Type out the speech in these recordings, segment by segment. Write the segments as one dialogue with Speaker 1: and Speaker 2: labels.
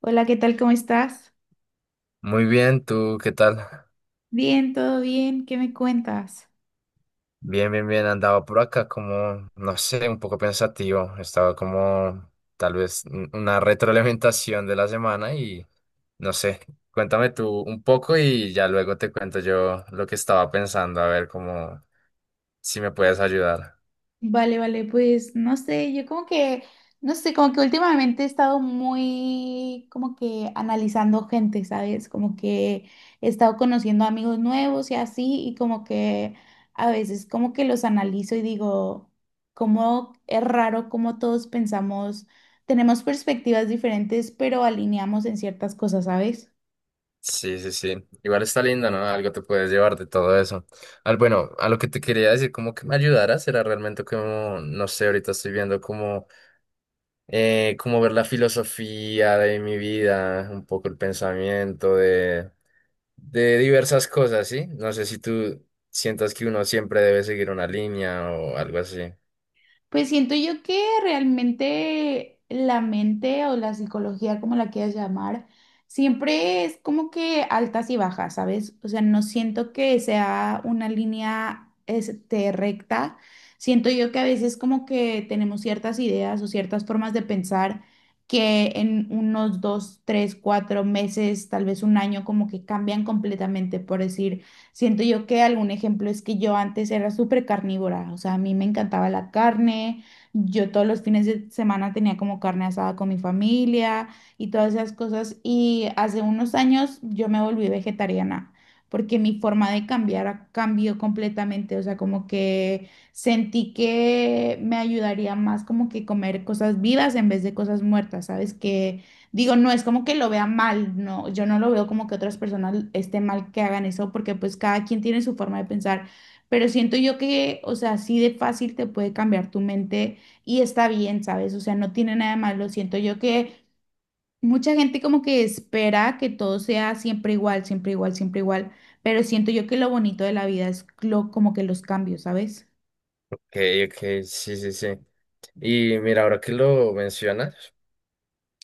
Speaker 1: Hola, ¿qué tal? ¿Cómo estás?
Speaker 2: Muy bien, ¿tú qué tal?
Speaker 1: Bien, todo bien. ¿Qué me cuentas?
Speaker 2: Bien, bien, bien. Andaba por acá como, no sé, un poco pensativo. Estaba como tal vez una retroalimentación de la semana y no sé. Cuéntame tú un poco y ya luego te cuento yo lo que estaba pensando, a ver cómo si me puedes ayudar.
Speaker 1: Vale, vale, pues no sé, yo como que, no sé, como que últimamente he estado muy como que analizando gente, ¿sabes? Como que he estado conociendo amigos nuevos y así, y como que a veces como que los analizo y digo, cómo es raro cómo todos pensamos, tenemos perspectivas diferentes, pero alineamos en ciertas cosas, ¿sabes?
Speaker 2: Sí, sí, sí. Igual está lindo, ¿no? Algo te puedes llevar de todo eso. Al, bueno, a lo que te quería decir, como que me ayudaras, era realmente como, no sé, ahorita estoy viendo como como ver la filosofía de mi vida, un poco el pensamiento de diversas cosas, ¿sí? No sé si tú sientas que uno siempre debe seguir una línea o algo así. Ok,
Speaker 1: Pues siento yo que realmente la mente o la psicología, como la quieras llamar, siempre es como que altas y bajas, ¿sabes? O sea, no siento que sea una línea este, recta. Siento yo que a veces como que tenemos ciertas ideas o ciertas formas de pensar que en unos 2, 3, 4 meses, tal vez un año, como que cambian completamente, por decir. Siento yo que algún ejemplo es que yo antes era súper carnívora, o sea, a mí me encantaba la carne, yo todos los fines de semana tenía como carne asada con mi familia y todas esas cosas y hace unos años yo me volví vegetariana porque mi forma de cambió completamente, o sea, como que sentí que me ayudaría más como que comer cosas vivas en vez de cosas muertas, ¿sabes? Que Digo, no es como que lo vea mal, no, yo no lo veo como que otras personas esté mal que hagan eso, porque pues cada quien tiene su forma de pensar, pero siento yo que, o sea, así de fácil te puede cambiar tu mente y está bien, ¿sabes? O sea, no tiene nada de malo, siento yo que mucha gente como que espera que todo sea siempre igual, siempre igual, siempre igual, pero siento yo que lo bonito de la vida es lo, como que los cambios, ¿sabes?
Speaker 2: ok, sí, sí, sí. Y mira, ahora que lo mencionas,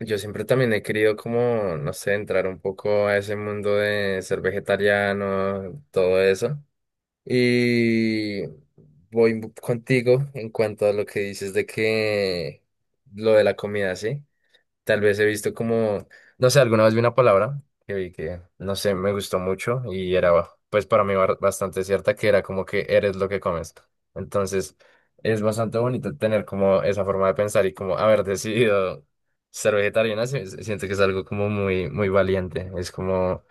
Speaker 2: yo siempre también he querido como, no sé, entrar un poco a ese mundo de ser vegetariano, todo eso. Y voy contigo en cuanto a lo que dices de que lo de la comida, ¿sí? Tal vez he visto como, no sé, alguna vez vi una palabra que vi que, no sé, me gustó mucho y era, pues para mí bastante cierta, que era como que eres lo que comes. Entonces, es bastante bonito tener como esa forma de pensar y como haber decidido ser vegetariana, siento que es algo como muy, muy valiente. Es como,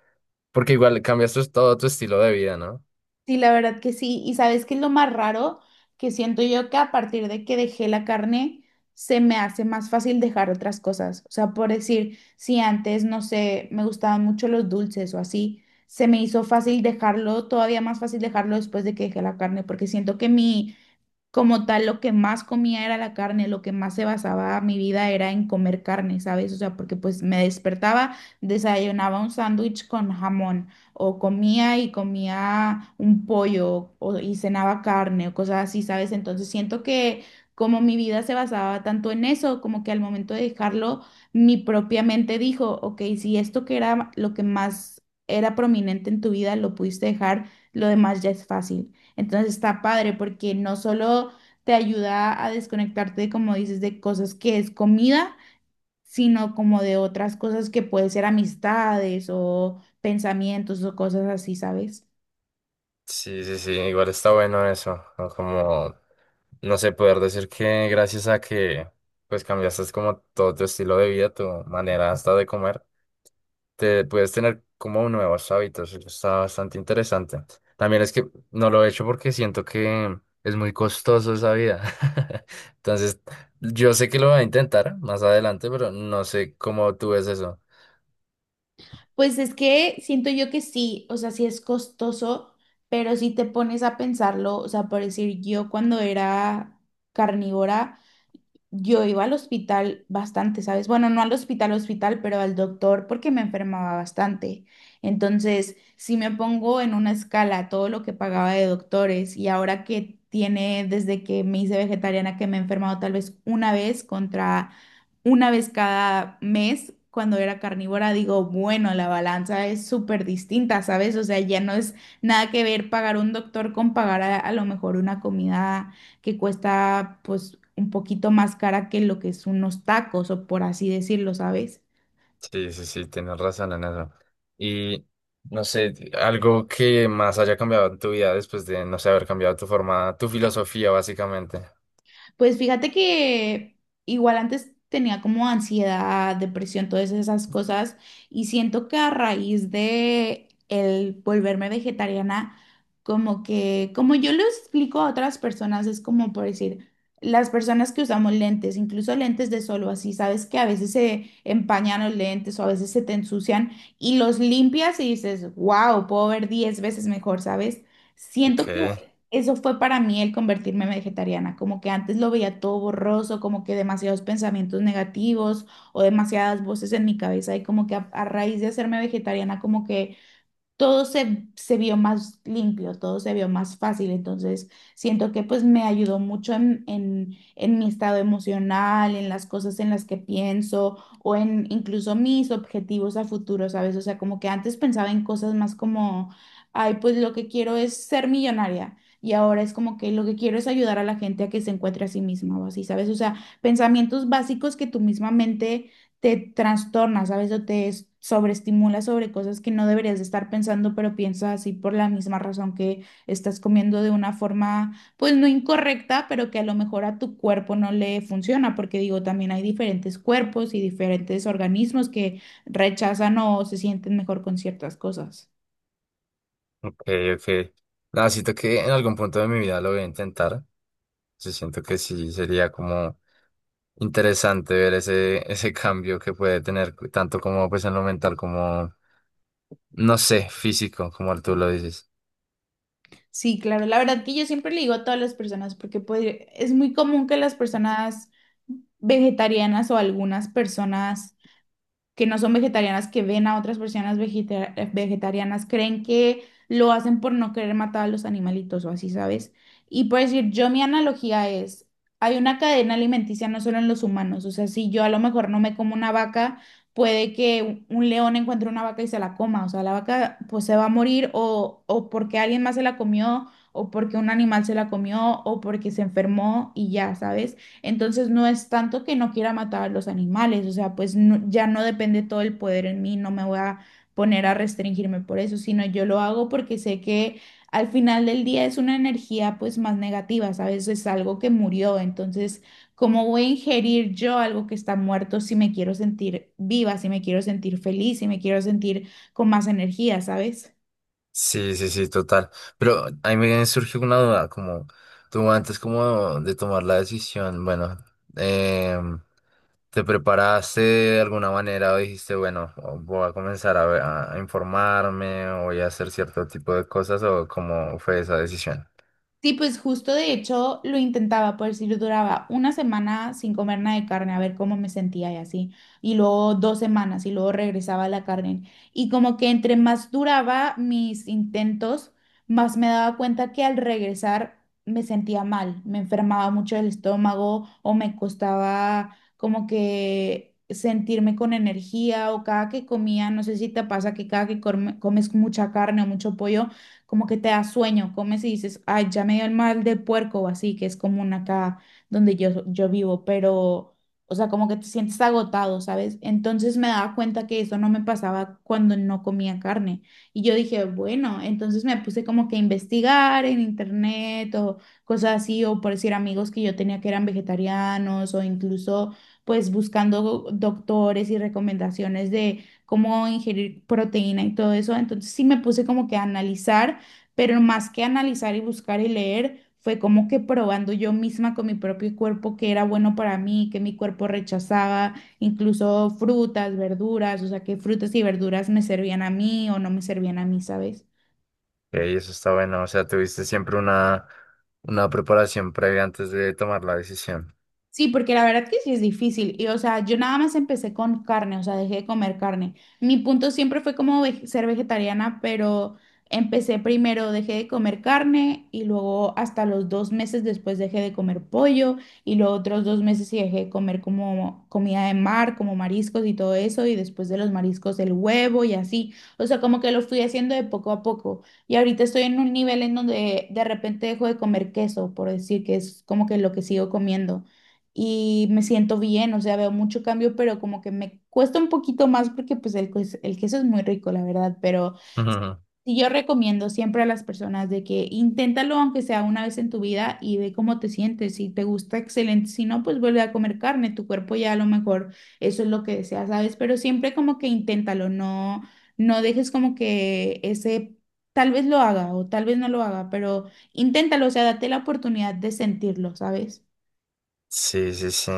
Speaker 2: porque igual cambias todo tu estilo de vida, ¿no?
Speaker 1: Sí, la verdad que sí. Y sabes qué es lo más raro que siento yo que a partir de que dejé la carne, se me hace más fácil dejar otras cosas. O sea, por decir, si antes, no sé, me gustaban mucho los dulces o así, se me hizo fácil dejarlo, todavía más fácil dejarlo después de que dejé la carne, porque siento que mi como tal, lo que más comía era la carne, lo que más se basaba mi vida era en comer carne, ¿sabes? O sea, porque pues me despertaba, desayunaba un sándwich con jamón, o comía y comía un pollo, o, y cenaba carne, o cosas así, ¿sabes? Entonces siento que como mi vida se basaba tanto en eso, como que al momento de dejarlo, mi propia mente dijo, ok, si esto que era lo que más era prominente en tu vida lo pudiste dejar, lo demás ya es fácil. Entonces está padre porque no solo te ayuda a desconectarte, como dices, de cosas que es comida, sino como de otras cosas que puede ser amistades o pensamientos o cosas así, ¿sabes?
Speaker 2: Sí, sí, sí, igual está bueno eso, ¿no? Como, no sé, poder decir que gracias a que, pues, cambiaste como todo tu estilo de vida, tu manera hasta de comer, te puedes tener como nuevos hábitos, eso está bastante interesante. También es que no lo he hecho porque siento que es muy costoso esa vida. Entonces, yo sé que lo voy a intentar más adelante, pero no sé cómo tú ves eso.
Speaker 1: Pues es que siento yo que sí, o sea, sí es costoso, pero si te pones a pensarlo, o sea, por decir yo cuando era carnívora, yo iba al hospital bastante, ¿sabes? Bueno, no al hospital, hospital, pero al doctor porque me enfermaba bastante. Entonces, si me pongo en una escala todo lo que pagaba de doctores y ahora que tiene desde que me hice vegetariana que me he enfermado tal vez una vez contra una vez cada mes cuando era carnívora, digo, bueno, la balanza es súper distinta, ¿sabes? O sea, ya no es nada que ver pagar un doctor con pagar a lo mejor una comida que cuesta pues un poquito más cara que lo que son unos tacos o por así decirlo, ¿sabes?
Speaker 2: Sí, sí, sí, tienes razón en eso. Y no sé, algo que más haya cambiado en tu vida después de, no sé, haber cambiado tu forma, tu filosofía, básicamente.
Speaker 1: Pues fíjate que igual antes tenía como ansiedad, depresión, todas esas cosas, y siento que a raíz de el volverme vegetariana, como que, como yo lo explico a otras personas, es como por decir, las personas que usamos lentes, incluso lentes de sol o así, sabes que a veces se empañan los lentes o a veces se te ensucian y los limpias y dices, wow, puedo ver 10 veces mejor, ¿sabes? Siento
Speaker 2: Ok,
Speaker 1: que eso fue para mí el convertirme en vegetariana, como que antes lo veía todo borroso, como que demasiados pensamientos negativos o demasiadas voces en mi cabeza y como que a raíz de hacerme vegetariana, como que todo se vio más limpio, todo se vio más fácil. Entonces, siento que pues me ayudó mucho en mi estado emocional, en las cosas en las que pienso o en incluso mis objetivos a futuro, ¿sabes? O sea, como que antes pensaba en cosas más como, ay, pues lo que quiero es ser millonaria. Y ahora es como que lo que quiero es ayudar a la gente a que se encuentre a sí misma o así, ¿sabes? O sea, pensamientos básicos que tu misma mente te trastornas, ¿sabes? Sobreestimulas sobre cosas que no deberías de estar pensando, pero piensas así por la misma razón que estás comiendo de una forma, pues no incorrecta, pero que a lo mejor a tu cuerpo no le funciona, porque digo, también hay diferentes cuerpos y diferentes organismos que rechazan o se sienten mejor con ciertas cosas.
Speaker 2: ok, ok. Nada, siento que en algún punto de mi vida lo voy a intentar. Sí, siento que sí sería como interesante ver ese, ese cambio que puede tener, tanto como pues en lo mental, como, no sé, físico, como tú lo dices.
Speaker 1: Sí, claro, la verdad que yo siempre le digo a todas las personas, porque pues, es muy común que las personas vegetarianas o algunas personas que no son vegetarianas, que ven a otras personas vegetarianas, creen que lo hacen por no querer matar a los animalitos o así, ¿sabes? Y por decir, yo mi analogía es, hay una cadena alimenticia no solo en los humanos, o sea, si yo a lo mejor no me como una vaca, puede que un león encuentre una vaca y se la coma, o sea, la vaca pues se va a morir o porque alguien más se la comió, o porque un animal se la comió, o porque se enfermó y ya, ¿sabes? Entonces no es tanto que no quiera matar a los animales, o sea, ya no depende todo el poder en mí, no me voy a poner a restringirme por eso, sino yo lo hago porque sé que al final del día es una energía pues más negativa, ¿sabes? Es algo que murió, entonces, ¿cómo voy a ingerir yo algo que está muerto si me quiero sentir viva, si me quiero sentir feliz, si me quiero sentir con más energía, ¿sabes?
Speaker 2: Sí, sí, sí, total. Pero a mí me surge una duda, como tú antes como de tomar la decisión, bueno, em, ¿te preparaste de alguna manera o dijiste, bueno, voy a comenzar a, a informarme o voy a hacer cierto tipo de cosas o cómo fue esa decisión?
Speaker 1: Sí, pues justo de hecho lo intentaba, por decir, duraba una semana sin comer nada de carne, a ver cómo me sentía y así, y luego 2 semanas y luego regresaba a la carne. Y como que entre más duraba mis intentos, más me daba cuenta que al regresar me sentía mal, me enfermaba mucho el estómago o me costaba como que sentirme con energía o cada que comía, no sé si te pasa que cada que comes mucha carne o mucho pollo como que te da sueño, comes y dices, ay, ya me dio el mal del puerco o así, que es común acá donde yo vivo, pero, o sea, como que te sientes agotado, ¿sabes? Entonces me daba cuenta que eso no me pasaba cuando no comía carne. Y yo dije, bueno, entonces me puse como que a investigar en internet o cosas así, o por decir amigos que yo tenía que eran vegetarianos o incluso pues buscando doctores y recomendaciones de cómo ingerir proteína y todo eso. Entonces sí me puse como que a analizar, pero más que analizar y buscar y leer, fue como que probando yo misma con mi propio cuerpo que era bueno para mí, que mi cuerpo rechazaba, incluso frutas, verduras, o sea, que frutas y verduras me servían a mí o no me servían a mí, ¿sabes?
Speaker 2: Y eso está bueno, o sea, tuviste siempre una preparación previa antes de tomar la decisión.
Speaker 1: Sí, porque la verdad que sí es difícil. Y o sea, yo nada más empecé con carne, o sea, dejé de comer carne. Mi punto siempre fue como ser vegetariana, pero empecé primero, dejé de comer carne y luego hasta los 2 meses después dejé de comer pollo y los otros 2 meses sí dejé de comer como comida de mar, como mariscos y todo eso y después de los mariscos el huevo y así. O sea, como que lo fui haciendo de poco a poco. Y ahorita estoy en un nivel en donde de repente dejo de comer queso, por decir que es como que lo que sigo comiendo y me siento bien, o sea, veo mucho cambio, pero como que me cuesta un poquito más porque pues el queso es muy rico, la verdad, pero sí yo recomiendo siempre a las personas de que inténtalo aunque sea una vez en tu vida y ve cómo te sientes, si te gusta, excelente, si no, pues vuelve a comer carne, tu cuerpo ya a lo mejor eso es lo que desea, ¿sabes? Pero siempre como que inténtalo, no, no dejes como que ese... Tal vez lo haga o tal vez no lo haga, pero inténtalo, o sea, date la oportunidad de sentirlo, ¿sabes?
Speaker 2: Sí, sí, sí.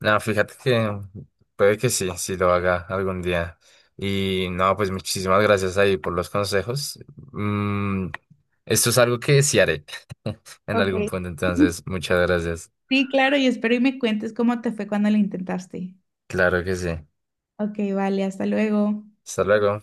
Speaker 2: No, fíjate que puede que sí, sí lo haga algún día. Y no, pues muchísimas gracias ahí por los consejos. Mm, esto es algo que sí haré en algún
Speaker 1: Ok.
Speaker 2: punto, entonces muchas gracias.
Speaker 1: Sí, claro, y espero y me cuentes cómo te fue cuando lo intentaste.
Speaker 2: Claro que sí.
Speaker 1: Ok, vale, hasta luego.
Speaker 2: Hasta luego.